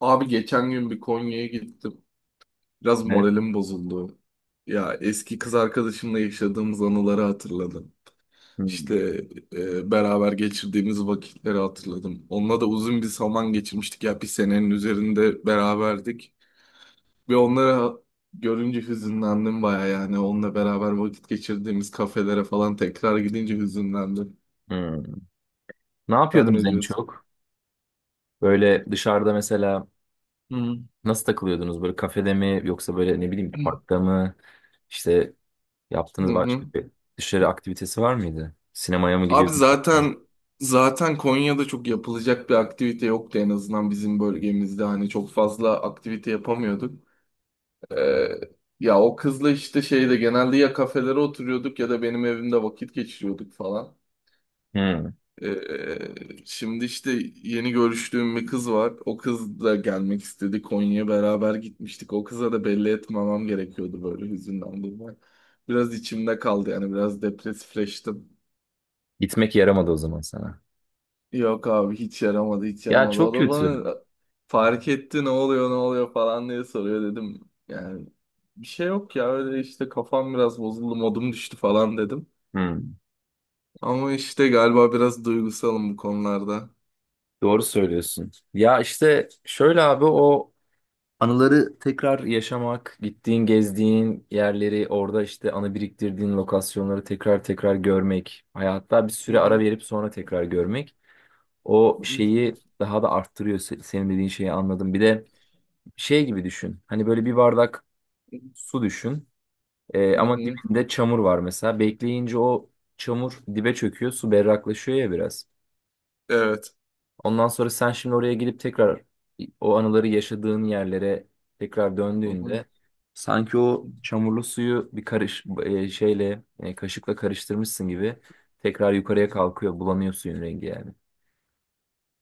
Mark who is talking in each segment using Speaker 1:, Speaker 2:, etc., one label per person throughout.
Speaker 1: Abi geçen gün bir Konya'ya gittim. Biraz
Speaker 2: Evet.
Speaker 1: moralim bozuldu. Ya eski kız arkadaşımla yaşadığımız anıları hatırladım. İşte
Speaker 2: Hmm.
Speaker 1: beraber geçirdiğimiz vakitleri hatırladım. Onunla da uzun bir zaman geçirmiştik. Ya bir senenin üzerinde beraberdik. Ve onlara görünce hüzünlendim baya yani. Onunla beraber vakit geçirdiğimiz kafelere falan tekrar gidince hüzünlendim.
Speaker 2: Hmm. Ne
Speaker 1: Sen
Speaker 2: yapıyordunuz
Speaker 1: ne
Speaker 2: en
Speaker 1: diyorsun?
Speaker 2: çok? Böyle dışarıda mesela
Speaker 1: Hı.
Speaker 2: nasıl takılıyordunuz? Böyle kafede mi yoksa böyle ne bileyim
Speaker 1: Hı
Speaker 2: parkta mı? İşte
Speaker 1: hı.
Speaker 2: yaptığınız
Speaker 1: Hı.
Speaker 2: başka bir dışarı aktivitesi var mıydı? Sinemaya mı
Speaker 1: Abi
Speaker 2: gidiyordunuz?
Speaker 1: zaten Konya'da çok yapılacak bir aktivite yoktu, en azından bizim bölgemizde, hani çok fazla aktivite yapamıyorduk. Ee, Ya o kızla işte şeyde genelde ya kafelere oturuyorduk ya da benim evimde vakit geçiriyorduk falan.
Speaker 2: Hmm.
Speaker 1: Şimdi işte yeni görüştüğüm bir kız var. O kız da gelmek istedi, Konya'ya beraber gitmiştik. O kıza da belli etmemem gerekiyordu böyle, hüzünden dolayı. Biraz içimde kaldı yani, biraz depresifleştim.
Speaker 2: Gitmek yaramadı o zaman sana.
Speaker 1: Yok abi, hiç yaramadı, hiç
Speaker 2: Ya
Speaker 1: yaramadı.
Speaker 2: çok
Speaker 1: O da
Speaker 2: kötü.
Speaker 1: bana fark etti, ne oluyor ne oluyor falan diye soruyor, dedim. Yani bir şey yok ya, öyle işte, kafam biraz bozuldu, modum düştü falan dedim.
Speaker 2: Hmm.
Speaker 1: Ama işte galiba biraz duygusalım bu konularda.
Speaker 2: Doğru söylüyorsun. Ya işte şöyle abi o anıları tekrar yaşamak, gittiğin, gezdiğin yerleri, orada işte anı biriktirdiğin lokasyonları tekrar tekrar görmek, hayatta bir
Speaker 1: Hı
Speaker 2: süre ara
Speaker 1: hı.
Speaker 2: verip sonra tekrar görmek o
Speaker 1: Hı
Speaker 2: şeyi
Speaker 1: hı.
Speaker 2: daha da arttırıyor. Senin dediğin şeyi anladım. Bir de şey gibi düşün. Hani böyle bir bardak su düşün.
Speaker 1: Hı
Speaker 2: Ama
Speaker 1: hı.
Speaker 2: dibinde çamur var mesela. Bekleyince o çamur dibe çöküyor, su berraklaşıyor ya biraz.
Speaker 1: Evet.
Speaker 2: Ondan sonra sen şimdi oraya gidip tekrar o anıları yaşadığın yerlere tekrar
Speaker 1: Hı hı.
Speaker 2: döndüğünde sanki o çamurlu suyu bir karış kaşıkla karıştırmışsın gibi tekrar yukarıya kalkıyor, bulanıyor suyun rengi yani.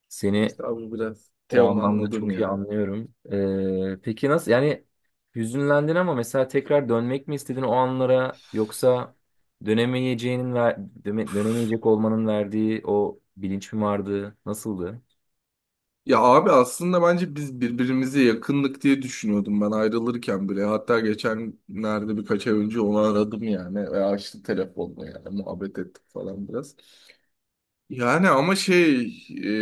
Speaker 2: Seni
Speaker 1: İşte abi biraz
Speaker 2: o
Speaker 1: Teoman
Speaker 2: anlamda
Speaker 1: anladım
Speaker 2: çok iyi
Speaker 1: ya.
Speaker 2: anlıyorum. Peki nasıl yani hüzünlendin ama mesela tekrar dönmek mi istedin o anlara yoksa dönemeyeceğinin dönemeyecek olmanın verdiği o bilinç mi vardı? Nasıldı?
Speaker 1: Ya abi aslında bence biz birbirimize yakınlık diye düşünüyordum ben ayrılırken bile. Hatta geçenlerde, birkaç ay önce onu aradım yani, ve açtı telefonla, yani muhabbet ettik falan biraz. Yani ama şey,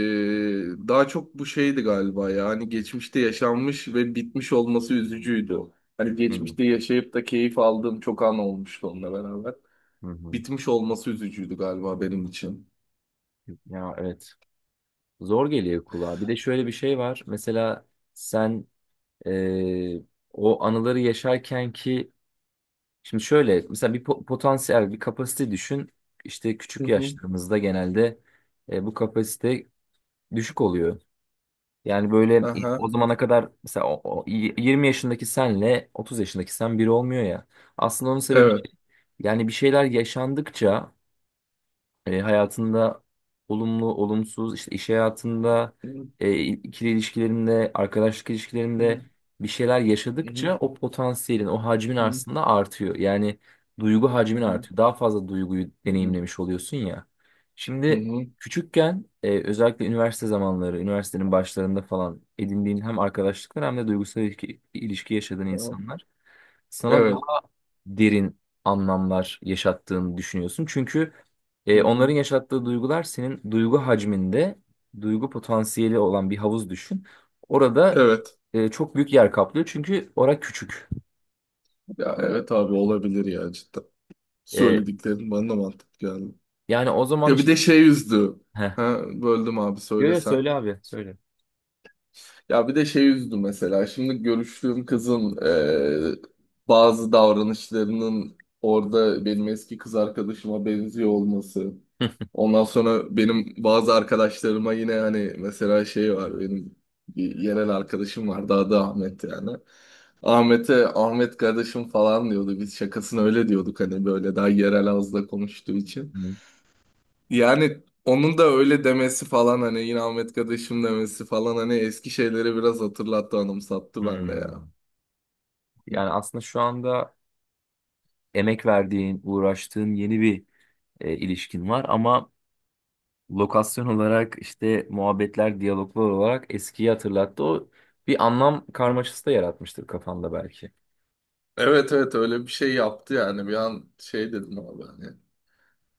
Speaker 1: daha çok bu şeydi galiba, ya hani geçmişte yaşanmış ve bitmiş olması üzücüydü. Hani
Speaker 2: Hı
Speaker 1: geçmişte yaşayıp da keyif aldığım çok an olmuştu onunla beraber.
Speaker 2: hı. hı.
Speaker 1: Bitmiş olması üzücüydü galiba benim için.
Speaker 2: Ya evet. Zor geliyor kulağa. Bir de şöyle bir şey var. Mesela sen eee, o anıları yaşarken ki şimdi şöyle mesela bir potansiyel bir kapasite düşün. İşte
Speaker 1: Hı
Speaker 2: küçük
Speaker 1: hı.
Speaker 2: yaşlarımızda genelde bu kapasite düşük oluyor. Yani böyle o
Speaker 1: Aha.
Speaker 2: zamana kadar mesela 20 yaşındaki senle 30 yaşındaki sen biri olmuyor ya. Aslında onun sebebi
Speaker 1: Evet.
Speaker 2: şey. Yani bir şeyler yaşandıkça hayatında olumlu, olumsuz, işte iş hayatında,
Speaker 1: Hı hı.
Speaker 2: ikili ilişkilerinde, arkadaşlık
Speaker 1: Hı hı.
Speaker 2: ilişkilerinde bir şeyler
Speaker 1: Hı
Speaker 2: yaşadıkça o potansiyelin, o hacmin
Speaker 1: hı.
Speaker 2: aslında artıyor. Yani duygu
Speaker 1: Hı
Speaker 2: hacmin
Speaker 1: hı.
Speaker 2: artıyor. Daha fazla duyguyu deneyimlemiş oluyorsun ya.
Speaker 1: Hı
Speaker 2: Şimdi
Speaker 1: hı.
Speaker 2: küçükken özellikle üniversite zamanları, üniversitenin başlarında falan edindiğin hem arkadaşlıklar hem de duygusal ilişki yaşadığın
Speaker 1: Tamam.
Speaker 2: insanlar sana
Speaker 1: Evet.
Speaker 2: derin anlamlar yaşattığını düşünüyorsun. Çünkü
Speaker 1: Hı hı.
Speaker 2: onların yaşattığı duygular senin duygu hacminde, duygu potansiyeli olan bir havuz düşün. Orada
Speaker 1: Evet.
Speaker 2: çok büyük yer kaplıyor çünkü orası küçük.
Speaker 1: Ya evet abi, olabilir ya, cidden.
Speaker 2: E,
Speaker 1: Söylediklerin bana da mantıklı geldi.
Speaker 2: yani o zaman
Speaker 1: Ya bir
Speaker 2: işte...
Speaker 1: de şey üzdü.
Speaker 2: Heh.
Speaker 1: Ha, böldüm abi,
Speaker 2: Yo, yo,
Speaker 1: söylesen.
Speaker 2: söyle abi, söyle.
Speaker 1: Ya bir de şey üzdü mesela. Şimdi görüştüğüm kızın e, bazı davranışlarının orada benim eski kız arkadaşıma benziyor olması. Ondan sonra benim bazı arkadaşlarıma yine, hani mesela şey var, benim bir yerel arkadaşım vardı, adı Ahmet yani. Ahmet'e Ahmet kardeşim falan diyordu. Biz şakasını öyle diyorduk, hani böyle daha yerel ağızla konuştuğu için.
Speaker 2: Hmm.
Speaker 1: Yani onun da öyle demesi falan, hani yine Ahmet kardeşim demesi falan, hani eski şeyleri biraz hatırlattı, anımsattı bende ya.
Speaker 2: Hmm. Yani aslında şu anda emek verdiğin, uğraştığın yeni bir ilişkin var ama lokasyon olarak işte muhabbetler, diyaloglar olarak eskiyi hatırlattı. O bir anlam karmaşası da yaratmıştır kafanda belki.
Speaker 1: Evet evet, öyle bir şey yaptı yani, bir an şey dedim abi hani.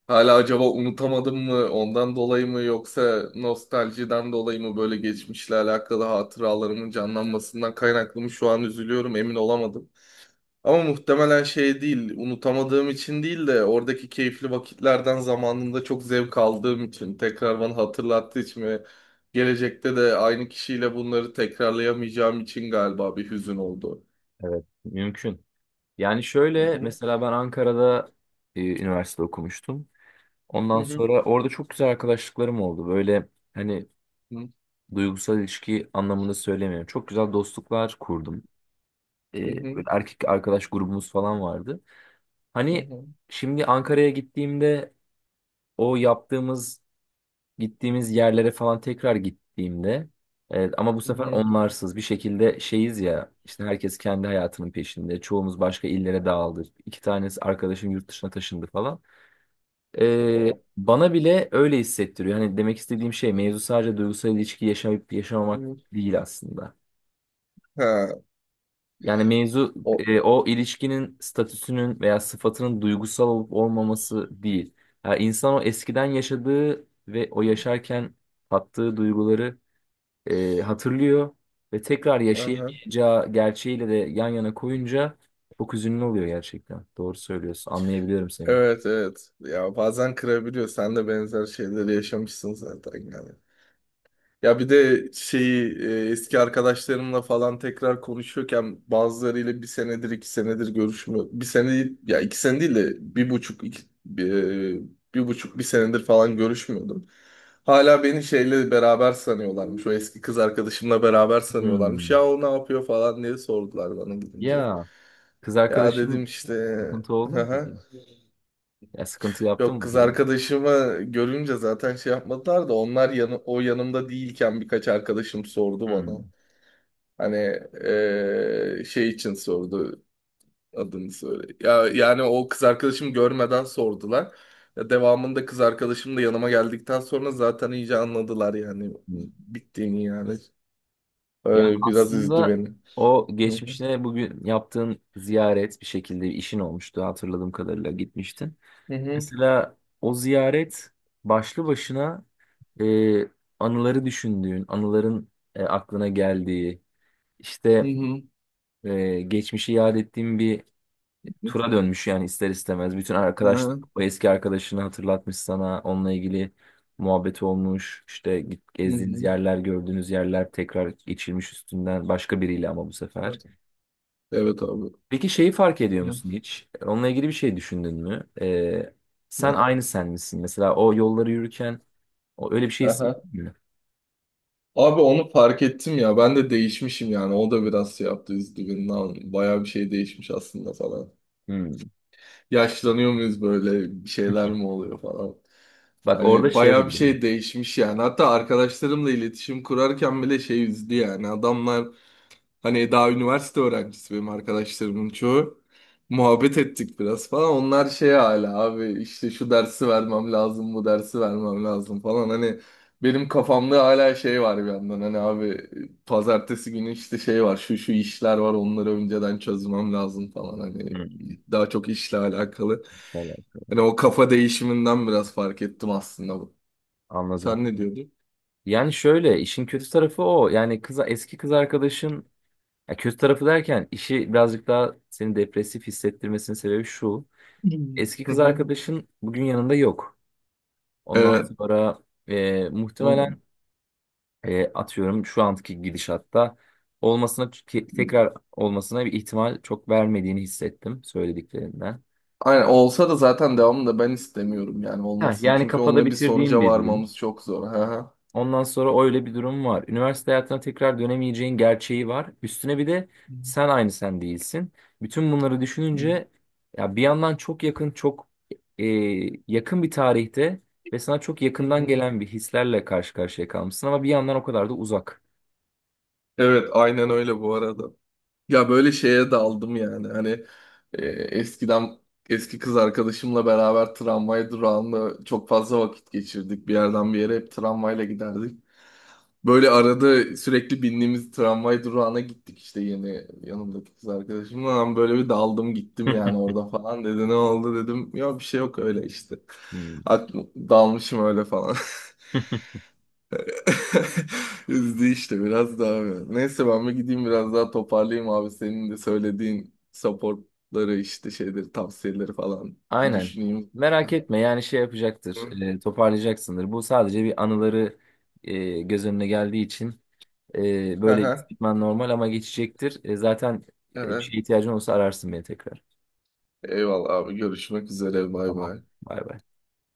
Speaker 1: Hala acaba unutamadım mı, ondan dolayı mı, yoksa nostaljiden dolayı mı, böyle geçmişle alakalı hatıralarımın canlanmasından kaynaklı mı şu an üzülüyorum, emin olamadım. Ama muhtemelen şey değil, unutamadığım için değil de oradaki keyifli vakitlerden zamanında çok zevk aldığım için, tekrar bana hatırlattığı için ve gelecekte de aynı kişiyle bunları tekrarlayamayacağım için galiba bir hüzün oldu.
Speaker 2: Evet, mümkün. Yani
Speaker 1: Hı
Speaker 2: şöyle
Speaker 1: hı,
Speaker 2: mesela ben Ankara'da üniversite okumuştum.
Speaker 1: hı
Speaker 2: Ondan
Speaker 1: hı,
Speaker 2: sonra orada çok güzel arkadaşlıklarım oldu. Böyle hani
Speaker 1: hı
Speaker 2: duygusal ilişki anlamında söylemiyorum. Çok güzel dostluklar kurdum. E,
Speaker 1: hı,
Speaker 2: böyle erkek arkadaş grubumuz falan vardı.
Speaker 1: hı
Speaker 2: Hani
Speaker 1: hı,
Speaker 2: şimdi Ankara'ya gittiğimde o yaptığımız gittiğimiz yerlere falan tekrar gittiğimde evet, ama bu
Speaker 1: hı
Speaker 2: sefer
Speaker 1: hı.
Speaker 2: onlarsız bir şekilde şeyiz ya işte herkes kendi hayatının peşinde çoğumuz başka illere dağıldı iki tanesi arkadaşım yurt dışına taşındı falan.
Speaker 1: O,
Speaker 2: Bana bile öyle hissettiriyor hani demek istediğim şey mevzu sadece duygusal ilişki yaşayıp yaşamamak
Speaker 1: hı.
Speaker 2: değil aslında
Speaker 1: Ha,
Speaker 2: yani mevzu
Speaker 1: o,
Speaker 2: o ilişkinin statüsünün veya sıfatının duygusal olup olmaması değil yani insan o eskiden yaşadığı ve o yaşarken tattığı duyguları hatırlıyor ve tekrar
Speaker 1: aha.
Speaker 2: yaşayamayacağı gerçeğiyle de yan yana koyunca çok üzünlü oluyor gerçekten. Doğru söylüyorsun. Anlayabiliyorum seni.
Speaker 1: Evet evet. Ya bazen kırabiliyor. Sen de benzer şeyleri yaşamışsın zaten yani. Ya bir de şeyi eski arkadaşlarımla falan tekrar konuşuyorken, bazılarıyla bir senedir iki senedir görüşmüyor. Bir sene değil- ya iki sene değil de bir buçuk iki, bir, e, bir buçuk bir senedir falan görüşmüyordum. Hala beni şeyle beraber sanıyorlarmış. O eski kız arkadaşımla beraber sanıyorlarmış.
Speaker 2: Hmm.
Speaker 1: Ya o ne yapıyor falan diye sordular bana gidince.
Speaker 2: Ya kız
Speaker 1: Ya dedim
Speaker 2: arkadaşın
Speaker 1: işte.
Speaker 2: sıkıntı oldu mu peki? Ya sıkıntı yaptı
Speaker 1: Yok,
Speaker 2: mı bu
Speaker 1: kız
Speaker 2: durum?
Speaker 1: arkadaşımı görünce zaten şey yapmadılar da, onlar yanı, o yanımda değilken birkaç arkadaşım sordu bana.
Speaker 2: Hmm.
Speaker 1: Hani şey için sordu adını söyle. Ya yani o kız arkadaşımı görmeden sordular. Ya devamında kız arkadaşım da yanıma geldikten sonra zaten iyice anladılar yani,
Speaker 2: Hmm.
Speaker 1: bittiğini yani.
Speaker 2: Yani
Speaker 1: Öyle biraz üzdü
Speaker 2: aslında
Speaker 1: beni.
Speaker 2: o
Speaker 1: Hı hı.
Speaker 2: geçmişine bugün yaptığın ziyaret bir şekilde işin olmuştu hatırladığım kadarıyla gitmiştin.
Speaker 1: Hı hı.
Speaker 2: Mesela o ziyaret başlı başına e, anıları düşündüğün, anıların aklına geldiği,
Speaker 1: Hı
Speaker 2: işte
Speaker 1: hı.
Speaker 2: geçmişi yad ettiğin bir tura dönmüş yani ister istemez. Bütün
Speaker 1: Hı
Speaker 2: arkadaşlar
Speaker 1: hı.
Speaker 2: o eski arkadaşını hatırlatmış sana, onunla ilgili muhabbet olmuş, işte
Speaker 1: Hı
Speaker 2: gezdiğiniz
Speaker 1: hı.
Speaker 2: yerler, gördüğünüz yerler tekrar geçilmiş üstünden başka biriyle ama bu sefer.
Speaker 1: Evet, evet abi.
Speaker 2: Peki şeyi fark ediyor
Speaker 1: Ya.
Speaker 2: musun hiç? Onunla ilgili bir şey düşündün mü? Sen
Speaker 1: Ne?
Speaker 2: aynı sen misin? Mesela o yolları yürürken o öyle bir şey
Speaker 1: Aha.
Speaker 2: hissetmiyor.
Speaker 1: Abi onu fark ettim ya, ben de değişmişim yani, o da biraz şey yaptı, üzdü beni. Lan bayağı bir şey değişmiş aslında falan.
Speaker 2: Hmm.
Speaker 1: Yaşlanıyor muyuz, böyle bir şeyler mi oluyor falan.
Speaker 2: Bak orada
Speaker 1: Hani
Speaker 2: şey
Speaker 1: bayağı
Speaker 2: oldu.
Speaker 1: bir
Speaker 2: Benim.
Speaker 1: şey değişmiş yani. Hatta arkadaşlarımla iletişim kurarken bile şey üzdü yani. Adamlar, hani daha üniversite öğrencisi benim arkadaşlarımın çoğu. Muhabbet ettik biraz falan. Onlar şey, hala abi işte şu dersi vermem lazım, bu dersi vermem lazım falan. Hani benim kafamda hala şey var bir yandan. Hani abi, pazartesi günü işte şey var, şu şu işler var, onları önceden çözmem lazım falan. Hani
Speaker 2: Hmm.
Speaker 1: daha çok işle alakalı.
Speaker 2: Evet,
Speaker 1: Hani o kafa değişiminden biraz fark ettim aslında bu.
Speaker 2: anladım.
Speaker 1: Sen ne diyordun?
Speaker 2: Yani şöyle işin kötü tarafı o. Yani kız eski kız arkadaşın ya kötü tarafı derken işi birazcık daha seni depresif hissettirmesinin sebebi şu.
Speaker 1: Hmm.
Speaker 2: Eski
Speaker 1: Hı
Speaker 2: kız
Speaker 1: hı.
Speaker 2: arkadaşın bugün yanında yok. Ondan
Speaker 1: Evet.
Speaker 2: sonra
Speaker 1: Hı.
Speaker 2: muhtemelen atıyorum şu anki gidişatta olmasına tekrar olmasına bir ihtimal çok vermediğini hissettim söylediklerinden.
Speaker 1: Aynen, olsa da zaten devamını da ben istemiyorum yani,
Speaker 2: Ha,
Speaker 1: olmasın.
Speaker 2: yani
Speaker 1: Çünkü
Speaker 2: kafada
Speaker 1: onunla bir
Speaker 2: bitirdiğim
Speaker 1: sonuca
Speaker 2: bir durum.
Speaker 1: varmamız çok zor. Hı hı.
Speaker 2: Ondan sonra öyle bir durum var. Üniversite hayatına tekrar dönemeyeceğin gerçeği var. Üstüne bir de sen aynı sen değilsin. Bütün bunları düşününce ya bir yandan çok yakın, çok e, yakın bir tarihte ve sana çok
Speaker 1: Hı
Speaker 2: yakından
Speaker 1: hı.
Speaker 2: gelen bir hislerle karşı karşıya kalmışsın ama bir yandan o kadar da uzak.
Speaker 1: Evet aynen öyle bu arada. Ya böyle şeye daldım yani, hani eskiden eski kız arkadaşımla beraber tramvay durağında çok fazla vakit geçirdik. Bir yerden bir yere hep tramvayla giderdik. Böyle arada sürekli bindiğimiz tramvay durağına gittik işte, yeni yanımdaki kız arkadaşımla. Ben böyle bir daldım gittim yani orada falan dedi. Ne oldu dedim. Ya bir şey yok, öyle işte.
Speaker 2: Hmm.
Speaker 1: Aklım, dalmışım öyle falan. Üzdü işte biraz daha böyle. Neyse, ben bir gideyim, biraz daha toparlayayım abi. Senin de söylediğin supportları, işte şeyleri, tavsiyeleri falan bir
Speaker 2: Aynen.
Speaker 1: düşüneyim.
Speaker 2: Merak etme yani şey yapacaktır,
Speaker 1: Hı.
Speaker 2: toparlayacaksındır. Bu sadece bir anıları göz önüne geldiği için
Speaker 1: Hı
Speaker 2: böyle
Speaker 1: hı.
Speaker 2: gitmen normal ama geçecektir. Zaten bir
Speaker 1: Evet.
Speaker 2: şeye ihtiyacın olursa ararsın beni tekrar.
Speaker 1: Eyvallah abi, görüşmek üzere, bay
Speaker 2: Tamam.
Speaker 1: bay.
Speaker 2: Bay bay.